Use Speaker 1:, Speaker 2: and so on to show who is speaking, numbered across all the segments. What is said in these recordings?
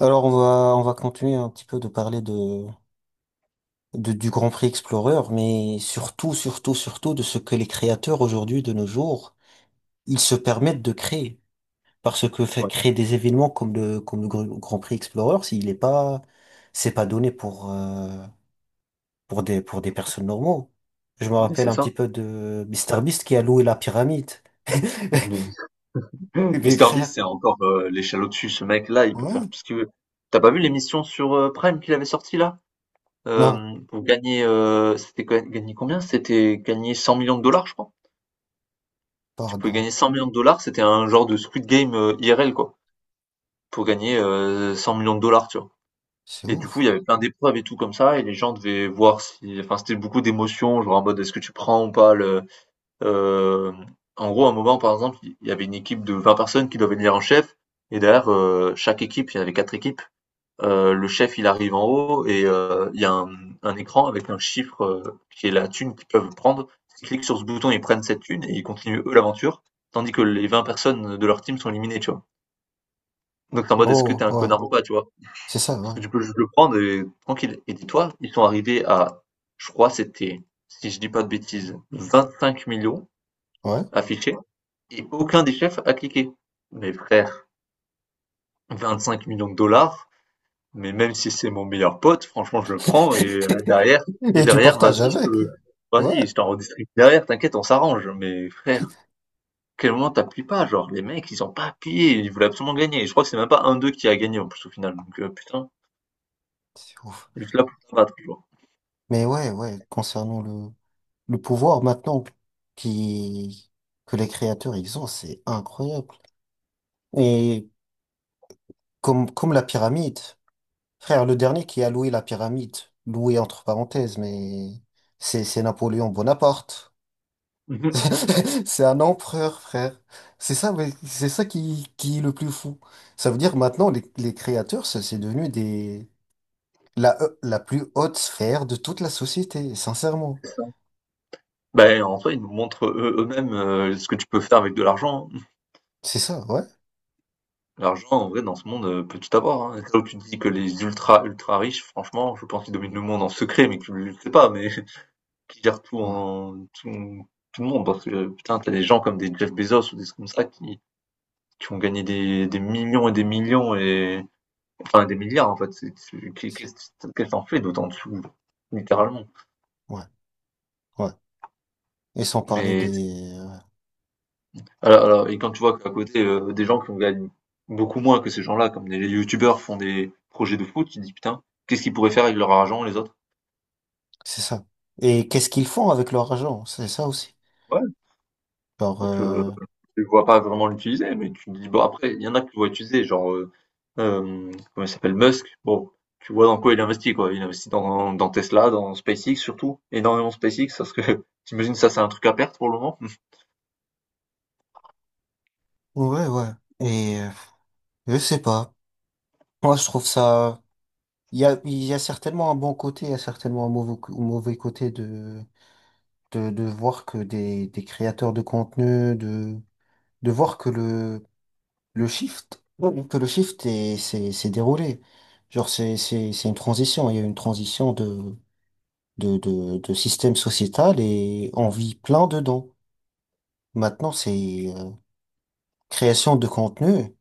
Speaker 1: Alors, on va continuer un petit peu de parler du Grand Prix Explorer, mais surtout de ce que les créateurs aujourd'hui, de nos jours, ils se permettent de créer. Parce que faire
Speaker 2: Ouais,
Speaker 1: créer des événements comme le Grand Prix Explorer, s'il est pas, c'est pas donné pour pour des personnes normaux. Je me
Speaker 2: mais
Speaker 1: rappelle
Speaker 2: c'est
Speaker 1: un petit
Speaker 2: ça.
Speaker 1: peu de Mister Beast qui a loué la pyramide.
Speaker 2: Mais
Speaker 1: Mes
Speaker 2: Mister
Speaker 1: frères.
Speaker 2: Beast, c'est encore, l'échelle au-dessus. Ce mec-là, il peut faire
Speaker 1: Ouais.
Speaker 2: tout ce qu'il veut. T'as pas vu l'émission sur, Prime qu'il avait sortie là?
Speaker 1: Non,
Speaker 2: Pour gagner, c'était ga gagner combien? C'était gagner 100 de dollars, je crois. Tu pouvais
Speaker 1: pardon.
Speaker 2: gagner 100 de dollars, c'était un genre de Squid Game, IRL, quoi, pour gagner, millions de dollars, tu vois?
Speaker 1: C'est
Speaker 2: Et du coup, il y
Speaker 1: ouf.
Speaker 2: avait plein d'épreuves et tout comme ça, et les gens devaient voir si enfin, c'était beaucoup d'émotions, genre en mode: «Est-ce que tu prends ou pas le Heu, en gros, à un moment, par exemple, il y avait une équipe de 20 personnes qui doivent élire un chef, et derrière, chaque équipe, il y en avait 4 équipes, le chef, il arrive en haut, et il y a un écran avec un chiffre, qui est la thune qu'ils peuvent prendre. Ils cliquent sur ce bouton, ils prennent cette thune et ils continuent, eux, l'aventure, tandis que les 20 personnes de leur team sont éliminées, tu vois? Donc tu en mode: «Est-ce que
Speaker 1: Oh,
Speaker 2: t'es un
Speaker 1: ouais.
Speaker 2: connard ou pas?», tu vois?
Speaker 1: C'est ça,
Speaker 2: Parce
Speaker 1: ouais.
Speaker 2: que tu peux juste le prendre et tranquille, et dis-toi, ils sont arrivés à, je crois, c'était, si je dis pas de bêtises, 25 millions
Speaker 1: Ouais.
Speaker 2: affichés, et aucun des chefs a cliqué. Mais frère, 25 millions de dollars, mais même si c'est mon meilleur pote, franchement, je le prends et derrière, et
Speaker 1: Et tu
Speaker 2: derrière,
Speaker 1: partages
Speaker 2: vas-y,
Speaker 1: avec. Ouais,
Speaker 2: vas-y, je t'en redistribue derrière, t'inquiète, on s'arrange. Mais frère, quel moment t'appuies pas? Genre, les mecs, ils ont pas appuyé, ils voulaient absolument gagner. Et je crois que c'est même pas un d'eux qui a gagné en plus au final. Donc, putain,
Speaker 1: c'est ouf.
Speaker 2: juste là pour te battre, genre.
Speaker 1: Mais ouais, concernant le pouvoir maintenant qui, que les créateurs ils ont, c'est incroyable. Et comme la pyramide, frère, le dernier qui a loué la pyramide, loué entre parenthèses, mais c'est Napoléon Bonaparte.
Speaker 2: Mhm.
Speaker 1: C'est un empereur, frère. C'est ça, mais c'est ça qui est le plus fou. Ça veut dire maintenant les créateurs, ça, c'est devenu des. La plus haute sphère de toute la société, sincèrement.
Speaker 2: Ben, en soi, ils nous montrent eux-mêmes ce que tu peux faire avec de l'argent, hein.
Speaker 1: C'est ça, ouais.
Speaker 2: L'argent, en vrai, dans ce monde, peut tout avoir, hein. Là où tu dis que les ultra, ultra riches, franchement, je pense qu'ils dominent le monde en secret, mais que tu le sais pas, mais qui gèrent tout
Speaker 1: Ouais,
Speaker 2: en tout le monde. Parce que putain, t'as des gens comme des Jeff Bezos ou des trucs comme ça qui ont gagné des millions et des millions et enfin des milliards, en fait. C'est tu qu'est-ce que tu en fais d'autant dessous? Littéralement.
Speaker 1: ouais. Ouais. Et sans parler
Speaker 2: Mais
Speaker 1: des ouais.
Speaker 2: alors et quand tu vois qu'à côté, des gens qui ont gagné beaucoup moins que ces gens-là, comme des youtubeurs font des projets de foot, tu te dis: «Putain, qu'est-ce qu'ils pourraient faire avec leur argent, les autres?»
Speaker 1: C'est ça. Et qu'est-ce qu'ils font avec leur argent? C'est ça aussi. Genre,
Speaker 2: Parce que tu vois pas vraiment l'utiliser, mais tu te dis, bon, après, il y en a que tu vois utiliser, genre, comment il s'appelle, Musk. Bon, tu vois dans quoi. Il investit dans, dans Tesla, dans SpaceX surtout, énormément SpaceX, parce que t'imagines ça, c'est un truc à perte pour le moment.
Speaker 1: ouais, ouais. Et je sais pas. Moi, je trouve ça. Il y a certainement un bon côté, il y a certainement un mauvais côté de voir que des créateurs de contenu, de voir que le shift, oui, que le shift s'est déroulé. Genre, c'est une transition. Il y a eu une transition de système sociétal et on vit plein dedans. Maintenant, c'est création de contenu.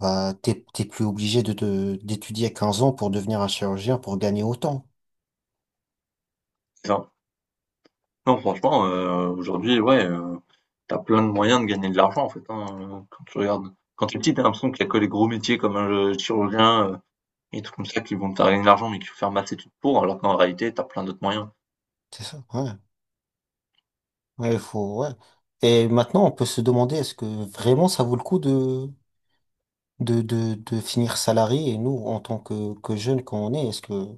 Speaker 1: Bah, t'es plus obligé d'étudier à 15 ans pour devenir un chirurgien pour gagner autant.
Speaker 2: Enfin, non, franchement, aujourd'hui, ouais, t'as plein de moyens de gagner de l'argent, en fait, hein, quand tu regardes. Quand t'es petit, t'as l'impression qu'il y a que les gros métiers comme un chirurgien et tout comme ça qui vont te faire gagner de l'argent, mais qu'il faut faire maths études pour, alors qu'en réalité, t'as plein d'autres moyens.
Speaker 1: C'est ça, ouais. Ouais, il faut, ouais. Et maintenant, on peut se demander est-ce que vraiment ça vaut le coup de finir salarié et nous, en tant que jeunes qu'on est, est-ce que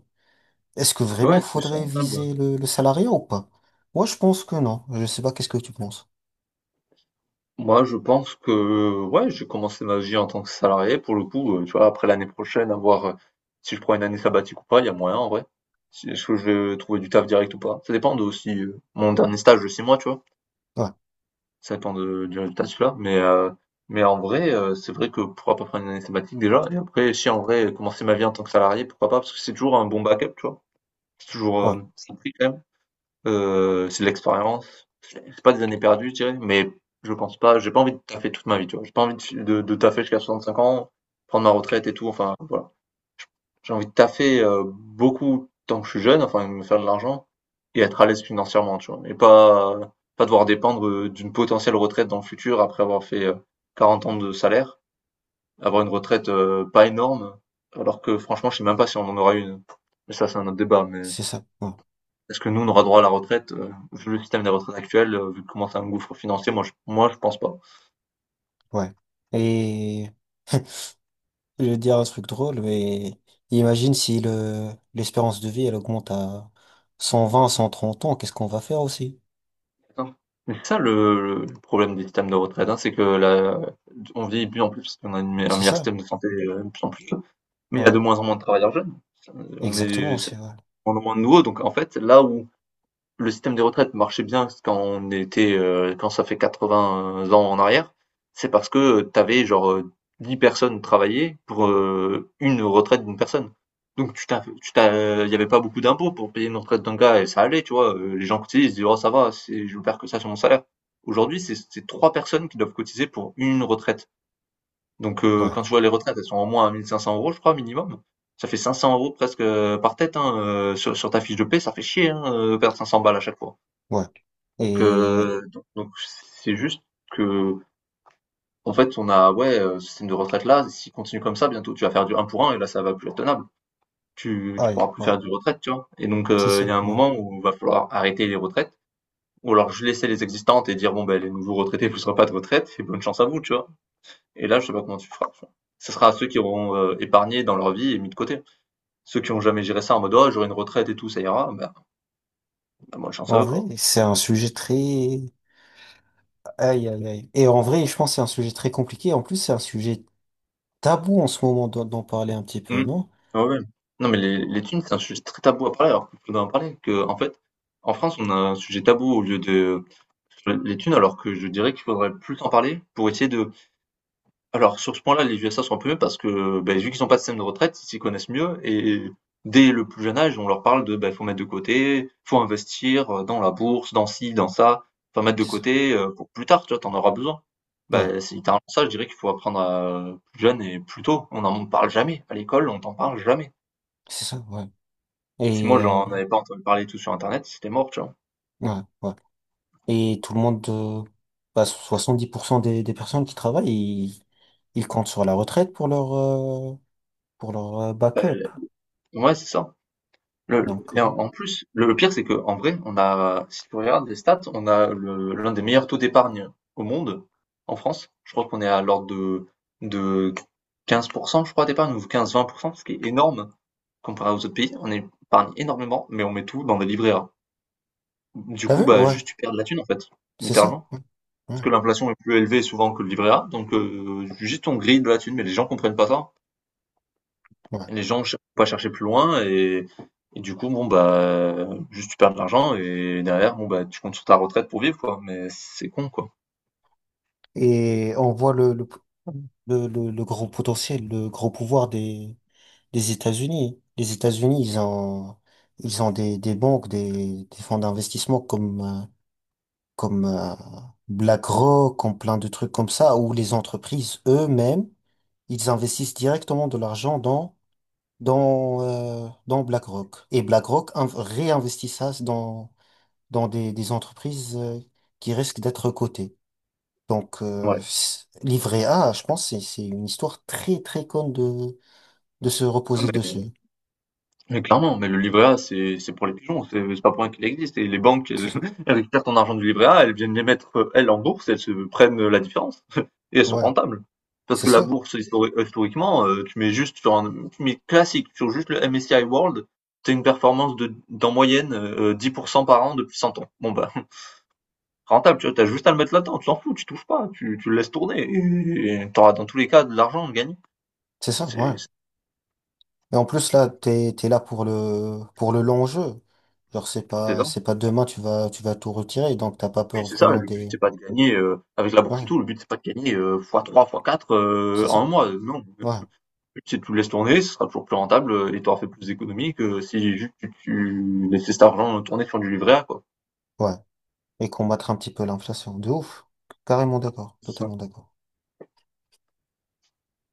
Speaker 1: est-ce que vraiment
Speaker 2: Ouais, c'est sûr.
Speaker 1: faudrait viser le salariat ou pas? Moi, je pense que non. Je sais pas, qu'est-ce que tu penses?
Speaker 2: Moi, je pense que, ouais, j'ai commencé ma vie en tant que salarié. Pour le coup, tu vois, après l'année prochaine, à voir si je prends une année sabbatique ou pas, il y a moyen en vrai. Est-ce que je vais trouver du taf direct ou pas? Ça dépend de aussi mon dernier stage de 6 mois, tu vois.
Speaker 1: Ouais,
Speaker 2: Ça dépend de, du résultat de celui-là. Mais en vrai, c'est vrai que pourquoi pas prendre une année sabbatique déjà? Et après, si en vrai, commencer ma vie en tant que salarié, pourquoi pas? Parce que c'est toujours un bon backup, tu vois. C'est toujours,
Speaker 1: voilà,
Speaker 2: ça prie quand même. C'est de l'expérience. C'est pas des années perdues, je dirais, mais je pense pas j'ai pas envie de taffer toute ma vie, tu vois? J'ai pas envie de fi de taffer jusqu'à 65 ans, prendre ma retraite et tout, enfin, voilà. J'ai envie de taffer, beaucoup tant que je suis jeune, enfin, me faire de l'argent et être à l'aise financièrement, tu vois? Et pas devoir dépendre, d'une potentielle retraite dans le futur après avoir fait, 40 ans de salaire. Avoir une retraite, pas énorme, alors que franchement, je sais même pas si on en aura une. Mais ça, c'est un autre débat, mais
Speaker 1: c'est ça. Ouais.
Speaker 2: est-ce que nous, on aura droit à la retraite? Vu le système des retraites actuel, vu comment c'est un gouffre financier, moi je pense pas.
Speaker 1: Ouais. Et je vais te dire un truc drôle, mais imagine si le l'espérance de vie, elle augmente à 120, 130 ans, qu'est-ce qu'on va faire aussi?
Speaker 2: Attends, mais c'est ça le problème des systèmes de retraite, hein, c'est que la on vieillit de plus en plus, parce qu'on a un
Speaker 1: C'est
Speaker 2: meilleur
Speaker 1: ça?
Speaker 2: système de santé, de plus en plus, mais il y a
Speaker 1: Ouais,
Speaker 2: de moins en moins de travailleurs jeunes. Ça, on
Speaker 1: exactement
Speaker 2: est ça
Speaker 1: aussi,
Speaker 2: de
Speaker 1: ouais.
Speaker 2: moins en moins de nouveaux, donc en fait, là où le système de retraite marchait bien quand on était, quand ça fait 80 ans en arrière, c'est parce que tu avais genre, 10 personnes travailler pour, une retraite d'une personne. Donc tu t'as il y avait pas beaucoup d'impôts pour payer une retraite d'un gars et ça allait, tu vois? Les gens cotisaient, ils se disaient: «Oh, ça va, c'est je perds que ça sur mon salaire». Aujourd'hui, c'est 3 personnes qui doivent cotiser pour une retraite. Donc
Speaker 1: Ouais,
Speaker 2: quand tu vois les retraites, elles sont au moins à 1 500 € je crois minimum. Ça fait 500 € presque, par tête, hein, sur ta fiche de paie, ça fait chier, hein, perdre 500 balles à chaque fois.
Speaker 1: ouais.
Speaker 2: Donc,
Speaker 1: Et,
Speaker 2: c'est juste que, en fait, on a ouais, ce système de retraite-là, s'il continue comme ça, bientôt tu vas faire du un pour un et là, ça va plus être tenable. Tu
Speaker 1: aïe,
Speaker 2: pourras plus
Speaker 1: ouais,
Speaker 2: faire du retraite, tu vois? Et donc,
Speaker 1: c'est
Speaker 2: il y
Speaker 1: ça,
Speaker 2: a un
Speaker 1: ouais.
Speaker 2: moment où il va falloir arrêter les retraites ou alors je laisser les existantes et dire: «Bon, ben, les nouveaux retraités, vous aurez pas de retraite et bonne chance à vous», tu vois? Et là, je sais pas comment tu feras, tu vois? Ce sera à ceux qui auront, épargné dans leur vie et mis de côté. Ceux qui ont jamais géré ça en mode: «Oh, j'aurai une retraite et tout, ça ira», ben ben, bonne chance à
Speaker 1: En
Speaker 2: eux,
Speaker 1: vrai,
Speaker 2: quoi.
Speaker 1: c'est un sujet très, aïe, aïe, aïe. Et en vrai, je pense que c'est un sujet très compliqué. En plus, c'est un sujet tabou en ce moment d'en parler un petit peu,
Speaker 2: Mmh.
Speaker 1: non?
Speaker 2: Ah, ouais. Non, mais les thunes, c'est un sujet très tabou à parler, alors qu'il faudrait en parler. Que, en fait, en France, on a un sujet tabou au lieu de sur les thunes, alors que je dirais qu'il faudrait plus en parler pour essayer de alors sur ce point-là, les USA sont un peu mieux parce que, beh, vu qu'ils ont pas de système de retraite, ils s'y connaissent mieux, et dès le plus jeune âge, on leur parle de, bah, faut mettre de côté, faut investir, dans la bourse, dans ci, dans ça, faut mettre de
Speaker 1: C'est ça,
Speaker 2: côté, pour plus tard, tu vois? T'en auras besoin.
Speaker 1: ouais,
Speaker 2: Bah, c'est littéralement ça, je dirais qu'il faut apprendre, plus jeune et plus tôt. On n'en parle jamais. À l'école, on t'en parle jamais.
Speaker 1: c'est ça, ouais.
Speaker 2: Si
Speaker 1: Et,
Speaker 2: moi j'en avais pas entendu parler tout sur internet, c'était mort, tu vois?
Speaker 1: ouais, ouais. Et tout le monde, bah, 70% des personnes qui travaillent, ils comptent sur la retraite pour leur backup.
Speaker 2: Bah, ouais, c'est ça. Le
Speaker 1: Donc,
Speaker 2: et en plus, le pire, c'est que en vrai, on a si tu regardes les stats, on a le l'un des meilleurs taux d'épargne au monde, en France. Je crois qu'on est à l'ordre de 15 je crois, d'épargne ou 15-20, ce qui est énorme comparé aux autres pays. On épargne énormément, mais on met tout dans des livrets A. Du
Speaker 1: t'as
Speaker 2: coup,
Speaker 1: vu?
Speaker 2: bah,
Speaker 1: Ouais,
Speaker 2: juste tu perds de la thune, en fait,
Speaker 1: c'est ça.
Speaker 2: littéralement.
Speaker 1: Ouais,
Speaker 2: Parce
Speaker 1: ouais,
Speaker 2: que l'inflation est plus élevée souvent que le livret A, donc juste on grille de la thune, mais les gens comprennent pas ça.
Speaker 1: ouais.
Speaker 2: Les gens ch pas chercher plus loin, et du coup, bon, bah, juste tu perds de l'argent, et derrière, bon, bah, tu comptes sur ta retraite pour vivre, quoi. Mais c'est con, quoi.
Speaker 1: Et on voit le gros potentiel, le gros pouvoir des États-Unis. Les États-Unis, ils ont des banques, des fonds d'investissement comme comme euh, BlackRock, comme plein de trucs comme ça, où les entreprises eux-mêmes, ils investissent directement de l'argent dans dans BlackRock. Et réinvestit ça dans des entreprises qui risquent d'être cotées. Donc
Speaker 2: Ouais.
Speaker 1: c- livret A, je pense c'est une histoire très très conne de se
Speaker 2: Ah,
Speaker 1: reposer dessus.
Speaker 2: mais clairement, mais le livret A, c'est pour les pigeons, c'est pas pour rien qu'il existe. Et les banques, elles,
Speaker 1: C'est-
Speaker 2: elles récupèrent ton argent du livret A, elles viennent les mettre, elles, en bourse, elles se prennent la différence et elles sont
Speaker 1: Ouais,
Speaker 2: rentables. Parce
Speaker 1: c'est
Speaker 2: que la
Speaker 1: ça,
Speaker 2: bourse, historiquement, tu mets juste sur un, tu mets classique, sur juste le MSCI World, t'as une performance de, d'en moyenne, 10% par an depuis 100 ans. Bon, bah, rentable, tu vois, t'as juste à le mettre là-dedans, tu t'en fous, tu touches pas, tu le laisses tourner, et t'auras dans tous les cas de l'argent de gagner.
Speaker 1: c'est ça, ouais.
Speaker 2: C'est c'est-
Speaker 1: Et en plus, là, t'es là pour pour le long jeu. Genre,
Speaker 2: c'est ça.
Speaker 1: c'est pas demain, tu vas tout retirer, donc t'as pas
Speaker 2: Oui,
Speaker 1: peur
Speaker 2: c'est ça,
Speaker 1: vraiment
Speaker 2: le but
Speaker 1: des,
Speaker 2: c'est pas de gagner avec la bourse et
Speaker 1: ouais,
Speaker 2: tout, le but c'est pas de gagner x3, x4
Speaker 1: c'est
Speaker 2: en un
Speaker 1: ça,
Speaker 2: mois. Non, le
Speaker 1: ouais,
Speaker 2: but c'est que tu le laisses tourner, ce sera toujours plus rentable et t'auras fait plus d'économies que si juste tu laissais cet argent tourner sur du livret A, quoi.
Speaker 1: ouais. Et combattre un petit peu l'inflation, de ouf. Carrément d'accord, totalement d'accord.